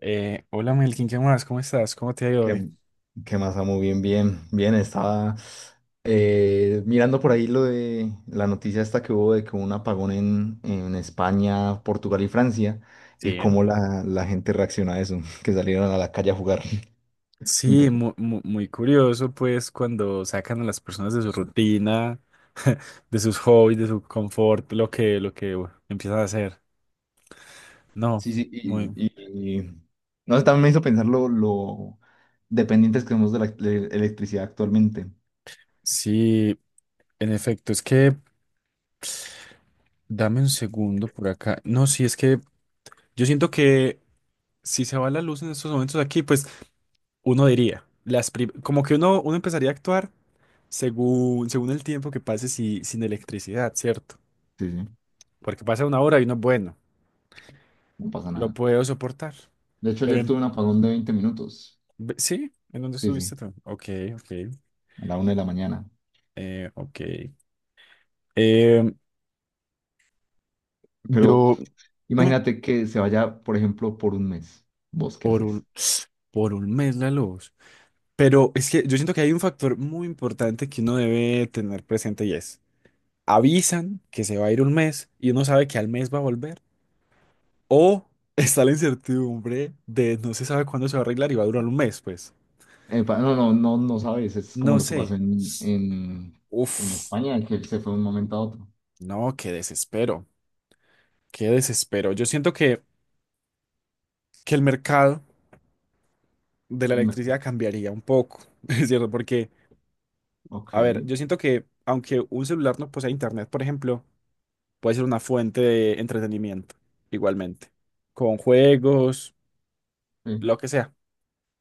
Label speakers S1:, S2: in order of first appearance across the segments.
S1: Hola Melkin, ¿qué más? ¿Cómo estás? ¿Cómo te ha ido hoy?
S2: ¿Qué, qué más, amo? Bien, bien, bien. Estaba mirando por ahí lo de la noticia esta que hubo de que hubo un apagón en España, Portugal y Francia y
S1: Sí, ¿eh?
S2: cómo la gente reacciona a eso, que salieron a la calle a jugar.
S1: Sí,
S2: Inter-
S1: muy curioso, pues, cuando sacan a las personas de su rutina, de sus hobbies, de su confort, lo que bueno, empiezan a hacer. No,
S2: Sí, sí,
S1: muy.
S2: no sé, también me hizo pensar lo dependientes que somos de la electricidad actualmente.
S1: Sí, en efecto, es que dame un segundo por acá. No, sí, es que yo siento que si se va la luz en estos momentos aquí, pues uno diría, como que uno empezaría a actuar según el tiempo que pase sin electricidad, ¿cierto?
S2: Sí, sí,
S1: Porque pasa una hora y uno, bueno,
S2: no pasa
S1: lo
S2: nada.
S1: puedo soportar.
S2: De hecho,
S1: Pero
S2: ayer
S1: en-
S2: tuve un apagón de 20 minutos.
S1: sí, ¿en dónde
S2: Sí, sí,
S1: estuviste tú? Ok, ok,
S2: a la 1 de la mañana.
S1: ok. Em,
S2: Pero
S1: yo, dime,
S2: imagínate que se vaya, por ejemplo, por un mes. ¿Vos qué
S1: por
S2: haces?
S1: un, por un mes la luz. Pero es que yo siento que hay un factor muy importante que uno debe tener presente y es, avisan que se va a ir un mes y uno sabe que al mes va a volver. O está la incertidumbre de no se sabe cuándo se va a arreglar y va a durar un mes, pues.
S2: No, no, no, no sabes. Es como
S1: No
S2: lo que pasó
S1: sé.
S2: en
S1: Uf,
S2: España, que él se fue de un momento a otro.
S1: no, qué desespero. Qué desespero. Yo siento que el mercado de la
S2: El me-
S1: electricidad cambiaría un poco, es cierto, porque,
S2: Ok,
S1: a ver,
S2: sí,
S1: yo siento que aunque un celular no posea internet, por ejemplo, puede ser una fuente de entretenimiento, igualmente, con juegos,
S2: sí,
S1: lo que sea.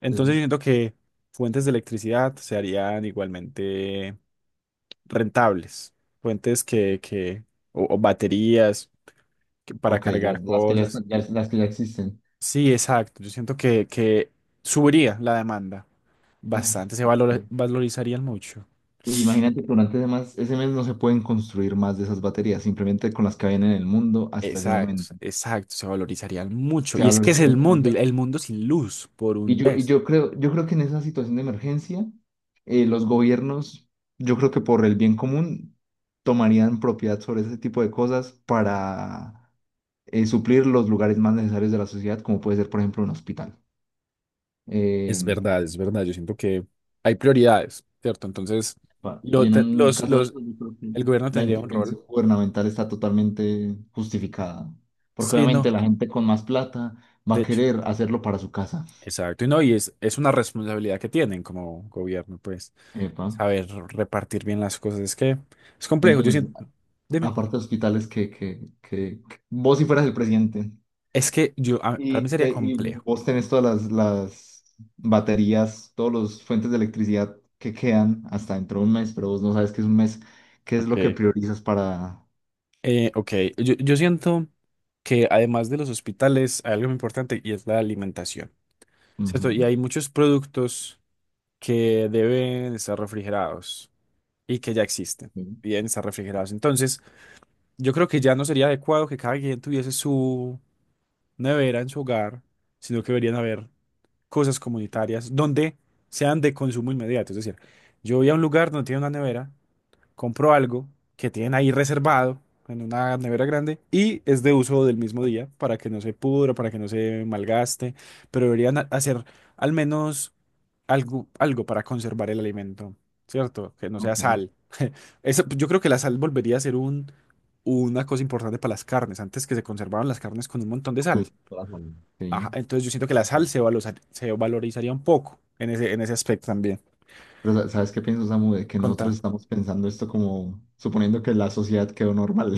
S1: Entonces yo
S2: sí.
S1: siento que fuentes de electricidad se harían igualmente rentables, fuentes que o baterías para
S2: Ok, las,
S1: cargar
S2: las que ya
S1: cosas.
S2: las que ya existen.
S1: Sí, exacto. Yo siento que subiría la demanda bastante, se
S2: Ok.
S1: valorizarían mucho.
S2: Y imagínate que durante ese mes no se pueden construir más de esas baterías, simplemente con las que habían en el mundo hasta ese
S1: Exacto,
S2: momento.
S1: exacto, se valorizarían mucho.
S2: Se
S1: Y es que es el
S2: valorizan.
S1: mundo, y el mundo sin luz por
S2: Y
S1: un
S2: yo, y
S1: mes.
S2: yo creo, yo creo que en esa situación de emergencia, los gobiernos, yo creo que por el bien común, tomarían propiedad sobre ese tipo de cosas para suplir los lugares más necesarios de la sociedad, como puede ser, por ejemplo, un hospital. Eh,
S1: Es verdad, es verdad. Yo siento que hay prioridades, ¿cierto? Entonces,
S2: y
S1: lo
S2: en
S1: te-
S2: un
S1: los,
S2: caso de
S1: los,
S2: eso, yo creo que
S1: el gobierno
S2: la
S1: tendría un rol.
S2: intervención gubernamental está totalmente justificada, porque
S1: Sí,
S2: obviamente
S1: no,
S2: la gente con más plata va
S1: de
S2: a
S1: hecho.
S2: querer hacerlo para su casa.
S1: Exacto, y no, y es una responsabilidad que tienen como gobierno, pues,
S2: Epa.
S1: saber repartir bien las cosas. Es que es complejo. Yo
S2: Entonces,
S1: siento. Dime.
S2: aparte de hospitales que vos si fueras el presidente
S1: Es que yo, para
S2: y,
S1: mí sería
S2: te, y
S1: complejo.
S2: vos tenés todas las baterías, todos los fuentes de electricidad que quedan hasta dentro de un mes, pero vos no sabes qué es un mes, qué es lo que
S1: Ok.
S2: priorizas para...
S1: Ok, yo siento que además de los hospitales hay algo muy importante y es la alimentación, ¿cierto? Y
S2: Ujú,
S1: hay muchos productos que deben estar refrigerados y que ya existen
S2: sí,
S1: y deben estar refrigerados. Entonces, yo creo que ya no sería adecuado que cada quien tuviese su nevera en su hogar, sino que deberían haber cosas comunitarias donde sean de consumo inmediato. Es decir, yo voy a un lugar donde tiene una nevera, compro algo que tienen ahí reservado en una nevera grande y es de uso del mismo día para que no se pudra, para que no se malgaste, pero deberían hacer al menos algo, algo para conservar el alimento, ¿cierto? Que no sea
S2: ok,
S1: sal. Eso- yo creo que la sal volvería a ser un, una cosa importante para las carnes. Antes que se conservaban las carnes con un montón de sal.
S2: con toda la salud, sí.
S1: Ajá, entonces yo siento que la sal
S2: Ujú.
S1: se valorizaría un poco en ese aspecto también.
S2: ¿Sabes qué pienso, Samu? De que nosotros
S1: Contá.
S2: estamos pensando esto como suponiendo que la sociedad quedó normal.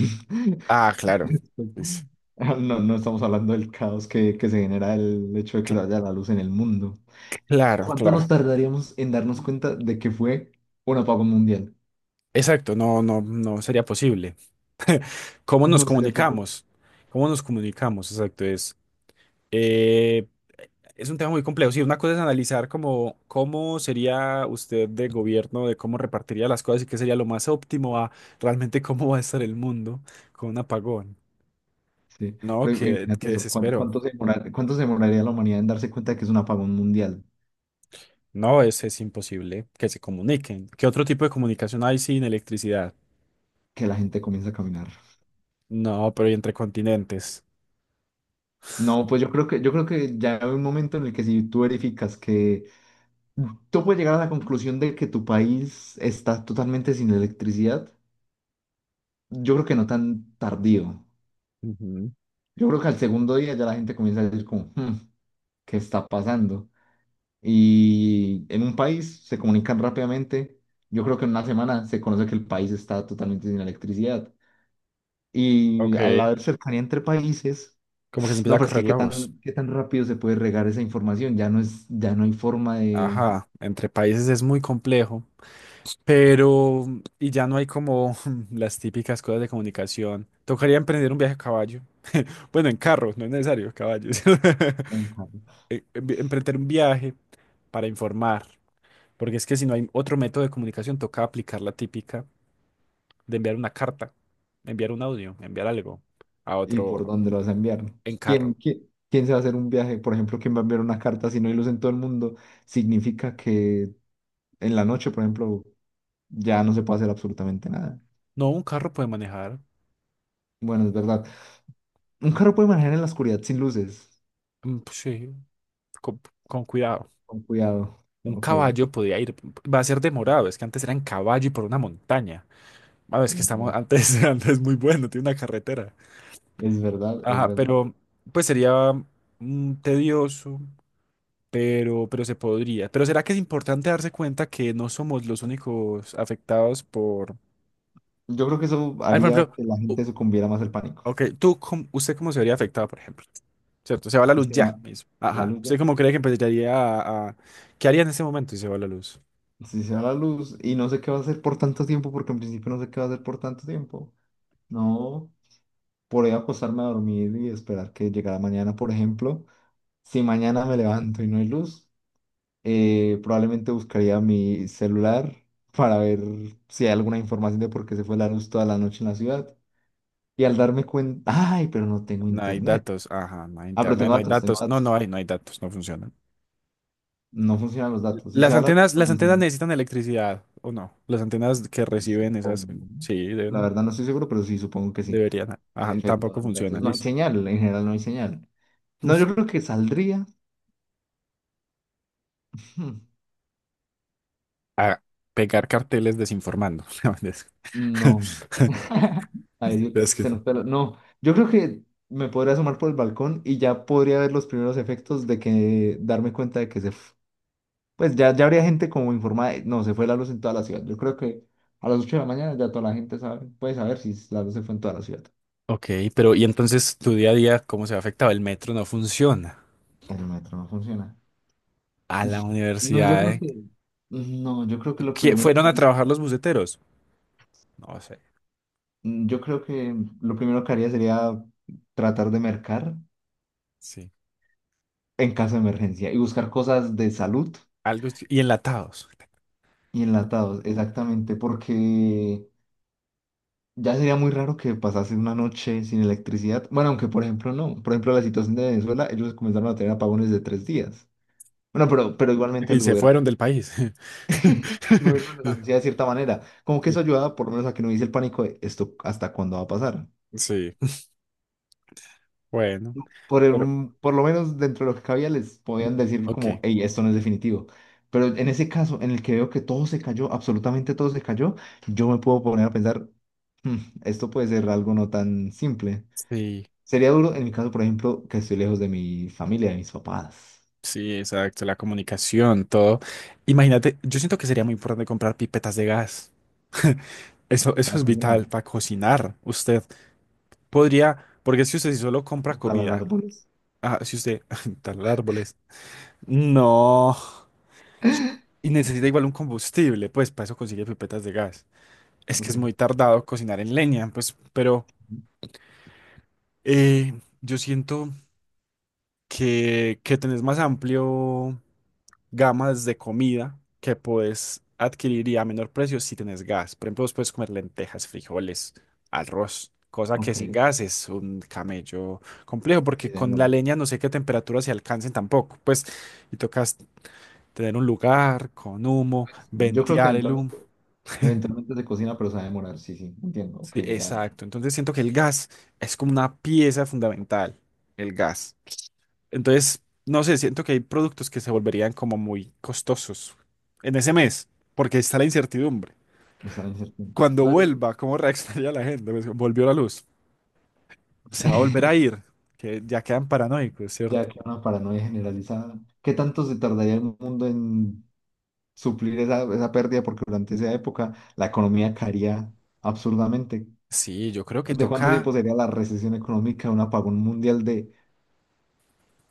S1: Ah, claro. Pues,
S2: Ah, no, no estamos hablando del caos que se genera el hecho de que se
S1: cl-
S2: vaya la luz en el mundo.
S1: claro,
S2: ¿Cuánto nos
S1: claro.
S2: tardaríamos en darnos cuenta de que fue un apagón mundial?
S1: Exacto, no, no, no sería posible. ¿Cómo nos
S2: No sería posible.
S1: comunicamos? ¿Cómo nos comunicamos? Exacto, eh, es un tema muy complejo. Sí, una cosa es analizar cómo, cómo sería usted de gobierno, de cómo repartiría las cosas y qué sería lo más óptimo a realmente cómo va a estar el mundo con un apagón.
S2: Sí,
S1: No,
S2: pero
S1: qué,
S2: imagínate
S1: qué
S2: eso. ¿Cuánto,
S1: desespero.
S2: cuánto se cuánto se demoraría la humanidad en darse cuenta de que es un apagón mundial?
S1: No, es imposible que se comuniquen. ¿Qué otro tipo de comunicación hay sin electricidad?
S2: Que la gente comienza a caminar.
S1: No, ¿pero y entre continentes?
S2: No, pues yo creo que ya hay un momento en el que si tú verificas que tú puedes llegar a la conclusión de que tu país está totalmente sin electricidad, yo creo que no tan tardío.
S1: Ujú.
S2: Yo creo que al segundo día ya la gente comienza a decir como: "Hmm, ¿qué está pasando?". Y en un país se comunican rápidamente. Yo creo que en una semana se conoce que el país está totalmente sin electricidad. Y al
S1: Ok.
S2: haber cercanía entre países,
S1: Como que se
S2: no,
S1: empieza a
S2: pero es que
S1: correr
S2: qué
S1: la voz.
S2: tan, qué tan rápido se puede regar esa información. Ya no hay forma de
S1: Ajá, entre países es muy complejo, pero y ya no hay como las típicas cosas de comunicación. Tocaría emprender un viaje a caballo. Bueno, en carro, no es necesario caballos.
S2: enviarlo.
S1: Emprender un viaje para informar, porque es que si no hay otro método de comunicación, toca aplicar la típica de enviar una carta, enviar un audio, enviar algo a
S2: ¿Y
S1: otro
S2: por dónde lo vas a enviar?
S1: en carro.
S2: ¿Quién se va a hacer un viaje? Por ejemplo, ¿quién va a enviar una carta si no hay luz en todo el mundo? Significa que en la noche, por ejemplo, ya no se puede hacer absolutamente nada.
S1: No, un carro puede manejar.
S2: Bueno, es verdad. Un
S1: Ajá.
S2: carro puede manejar en la oscuridad sin luces.
S1: Mm, pues sí, con, con cuidado.
S2: Con cuidado.
S1: Un
S2: Ok, es
S1: caballo podía ir, va a ser demorado, es que antes era en caballo y por una montaña. Ah, es que estamos,
S2: verdad.
S1: antes, antes muy bueno, tiene una carretera.
S2: Es verdad, es
S1: Ajá,
S2: verdad.
S1: pero pues sería tedioso, pero se podría. Pero ¿será que es importante darse cuenta que no somos los únicos afectados por...
S2: Yo creo que eso
S1: Ah, por
S2: haría
S1: ejemplo,
S2: que la
S1: u-
S2: gente sucumbiera más al pánico.
S1: ok, tú, ¿usted cómo se vería afectado, por ejemplo? ¿Cierto? Se va la
S2: Si
S1: luz
S2: se va
S1: ya mismo.
S2: la
S1: Ajá.
S2: luz ya.
S1: ¿Usted cómo cree que empezaría a- ¿Qué haría en ese momento si se va la luz?
S2: Si se va la luz y no sé qué va a hacer por tanto tiempo, porque en principio no sé qué va a hacer por tanto tiempo. No, por ahí acostarme a dormir y esperar que llegara mañana, por ejemplo. Si mañana me levanto y no hay luz. Probablemente buscaría mi celular para ver si hay alguna información de por qué se fue la luz toda la noche en la ciudad. Y al darme cuenta, ay, pero no tengo
S1: No hay
S2: internet.
S1: datos, ajá, no hay
S2: Ah, pero
S1: internet,
S2: tengo
S1: no hay
S2: datos, tengo
S1: datos, no, no
S2: datos.
S1: hay, no hay datos, no funcionan.
S2: No funcionan los datos. Si se va la luz, no
S1: Las
S2: funciona.
S1: antenas necesitan electricidad, ¿o no? Las antenas que
S2: Sí,
S1: reciben esas,
S2: supongo.
S1: sí,
S2: La
S1: deben,
S2: verdad no estoy seguro, pero sí, supongo que sí.
S1: deberían,
S2: En
S1: ajá,
S2: efecto, no
S1: tampoco
S2: hay datos.
S1: funcionan,
S2: No hay
S1: listo.
S2: señal, en general no hay señal. No, yo creo que saldría.
S1: A pegar carteles desinformando. No, es-
S2: No. Ay, Dios,
S1: es que-
S2: se nos peló. No, yo creo que me podría asomar por el balcón y ya podría ver los primeros efectos de que darme cuenta de que se. Pues ya, ya habría gente como informada de: "No, se fue la luz en toda la ciudad". Yo creo que a las 8 de la mañana ya toda la gente sabe, puede saber si la luz se fue en toda la ciudad.
S1: Ok, pero y entonces tu día a día, ¿cómo se ha afectado? El metro no funciona.
S2: El metro no funciona.
S1: A la
S2: No, yo
S1: universidad,
S2: creo
S1: ¿eh?
S2: que... No, yo creo que lo primero...
S1: ¿Fueron a trabajar los buceteros? No sé,
S2: Yo creo que lo primero que haría sería tratar de mercar
S1: sí.
S2: en caso de emergencia y buscar cosas de salud.
S1: Algo es- y enlatados.
S2: Y enlatados, exactamente, porque ya sería muy raro que pasase una noche sin electricidad. Bueno, aunque por ejemplo no. Por ejemplo, la situación de Venezuela, ellos comenzaron a tener apagones de 3 días. Bueno, pero igualmente
S1: Y se fueron del país.
S2: el gobierno les anuncia de cierta manera. Como que eso
S1: Sí,
S2: ayuda por lo menos a que no hubiese el pánico de esto hasta cuándo va a pasar.
S1: sí, bueno, pero,
S2: Por lo menos dentro de lo que cabía les podían decir
S1: ok,
S2: como: "Hey, esto no es definitivo". Pero en ese caso, en el que veo que todo se cayó, absolutamente todo se cayó, yo me puedo poner a pensar: "Hmm, esto puede ser algo no tan simple".
S1: sí,
S2: Sería duro en mi caso, por ejemplo, que estoy lejos de mi familia, de mis papás,
S1: sí, exacto, la comunicación, todo. Imagínate, yo siento que sería muy importante comprar pipetas de gas. Eso
S2: para
S1: es
S2: cocinar
S1: vital para cocinar. Usted podría, porque si usted solo
S2: o
S1: compra
S2: talar
S1: comida,
S2: árboles.
S1: ah, si usted talar árboles, no, y necesita igual un combustible, pues para eso consigue pipetas de gas. Es que
S2: Ok,
S1: es muy tardado cocinar en leña, pues, pero eh, yo siento que tenés más amplio gamas de comida que podés adquirir y a menor precio si tenés gas. Por ejemplo, vos puedes comer lentejas, frijoles, arroz, cosa
S2: ok,
S1: que sin
S2: sí,
S1: gas es un camello complejo,
S2: se
S1: porque
S2: va a
S1: con la
S2: demorar.
S1: leña no sé qué temperatura se alcancen tampoco. Pues, y tocas tener un lugar con humo,
S2: Pues, yo creo que
S1: ventear el humo.
S2: eventualmente se cocina, pero se va a demorar, sí, sí, entiendo. Ok,
S1: Sí,
S2: ya,
S1: exacto. Entonces siento que el gas es como una pieza fundamental, el gas. Entonces, no sé, siento que hay productos que se volverían como muy costosos en ese mes, porque está la incertidumbre.
S2: está la incertidumbre.
S1: Cuando
S2: No, yo.
S1: vuelva, ¿cómo reaccionaría la gente? Pues, volvió la luz, se va a volver a ir, que ya quedan paranoicos,
S2: Ya
S1: ¿cierto?
S2: que una paranoia generalizada. ¿Qué tanto se tardaría el mundo en suplir esa pérdida? Porque durante esa época la economía caería absurdamente.
S1: Sí, yo creo que
S2: ¿De cuánto tiempo
S1: toca.
S2: sería la recesión económica, un apagón mundial de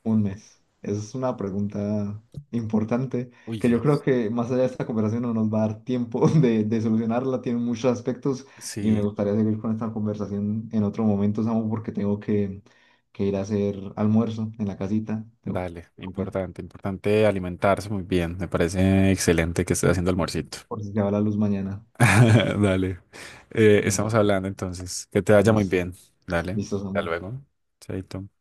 S2: un mes? Esa es una pregunta importante que yo
S1: Uy,
S2: creo que más allá de esta conversación no nos va a dar tiempo de solucionarla. Tiene muchos aspectos y me
S1: sí,
S2: gustaría seguir con esta conversación en otro momento, Samu, porque tengo que ir a hacer almuerzo en la casita. Tengo
S1: dale,
S2: que comer.
S1: importante, importante alimentarse muy bien. Me parece excelente que estés haciendo
S2: Por si,
S1: almuercito.
S2: por si se va la luz mañana.
S1: Dale,
S2: Dale,
S1: estamos hablando entonces. Que te vaya muy
S2: listo.
S1: bien. Dale,
S2: Listo,
S1: hasta
S2: Samu.
S1: luego. Chaito.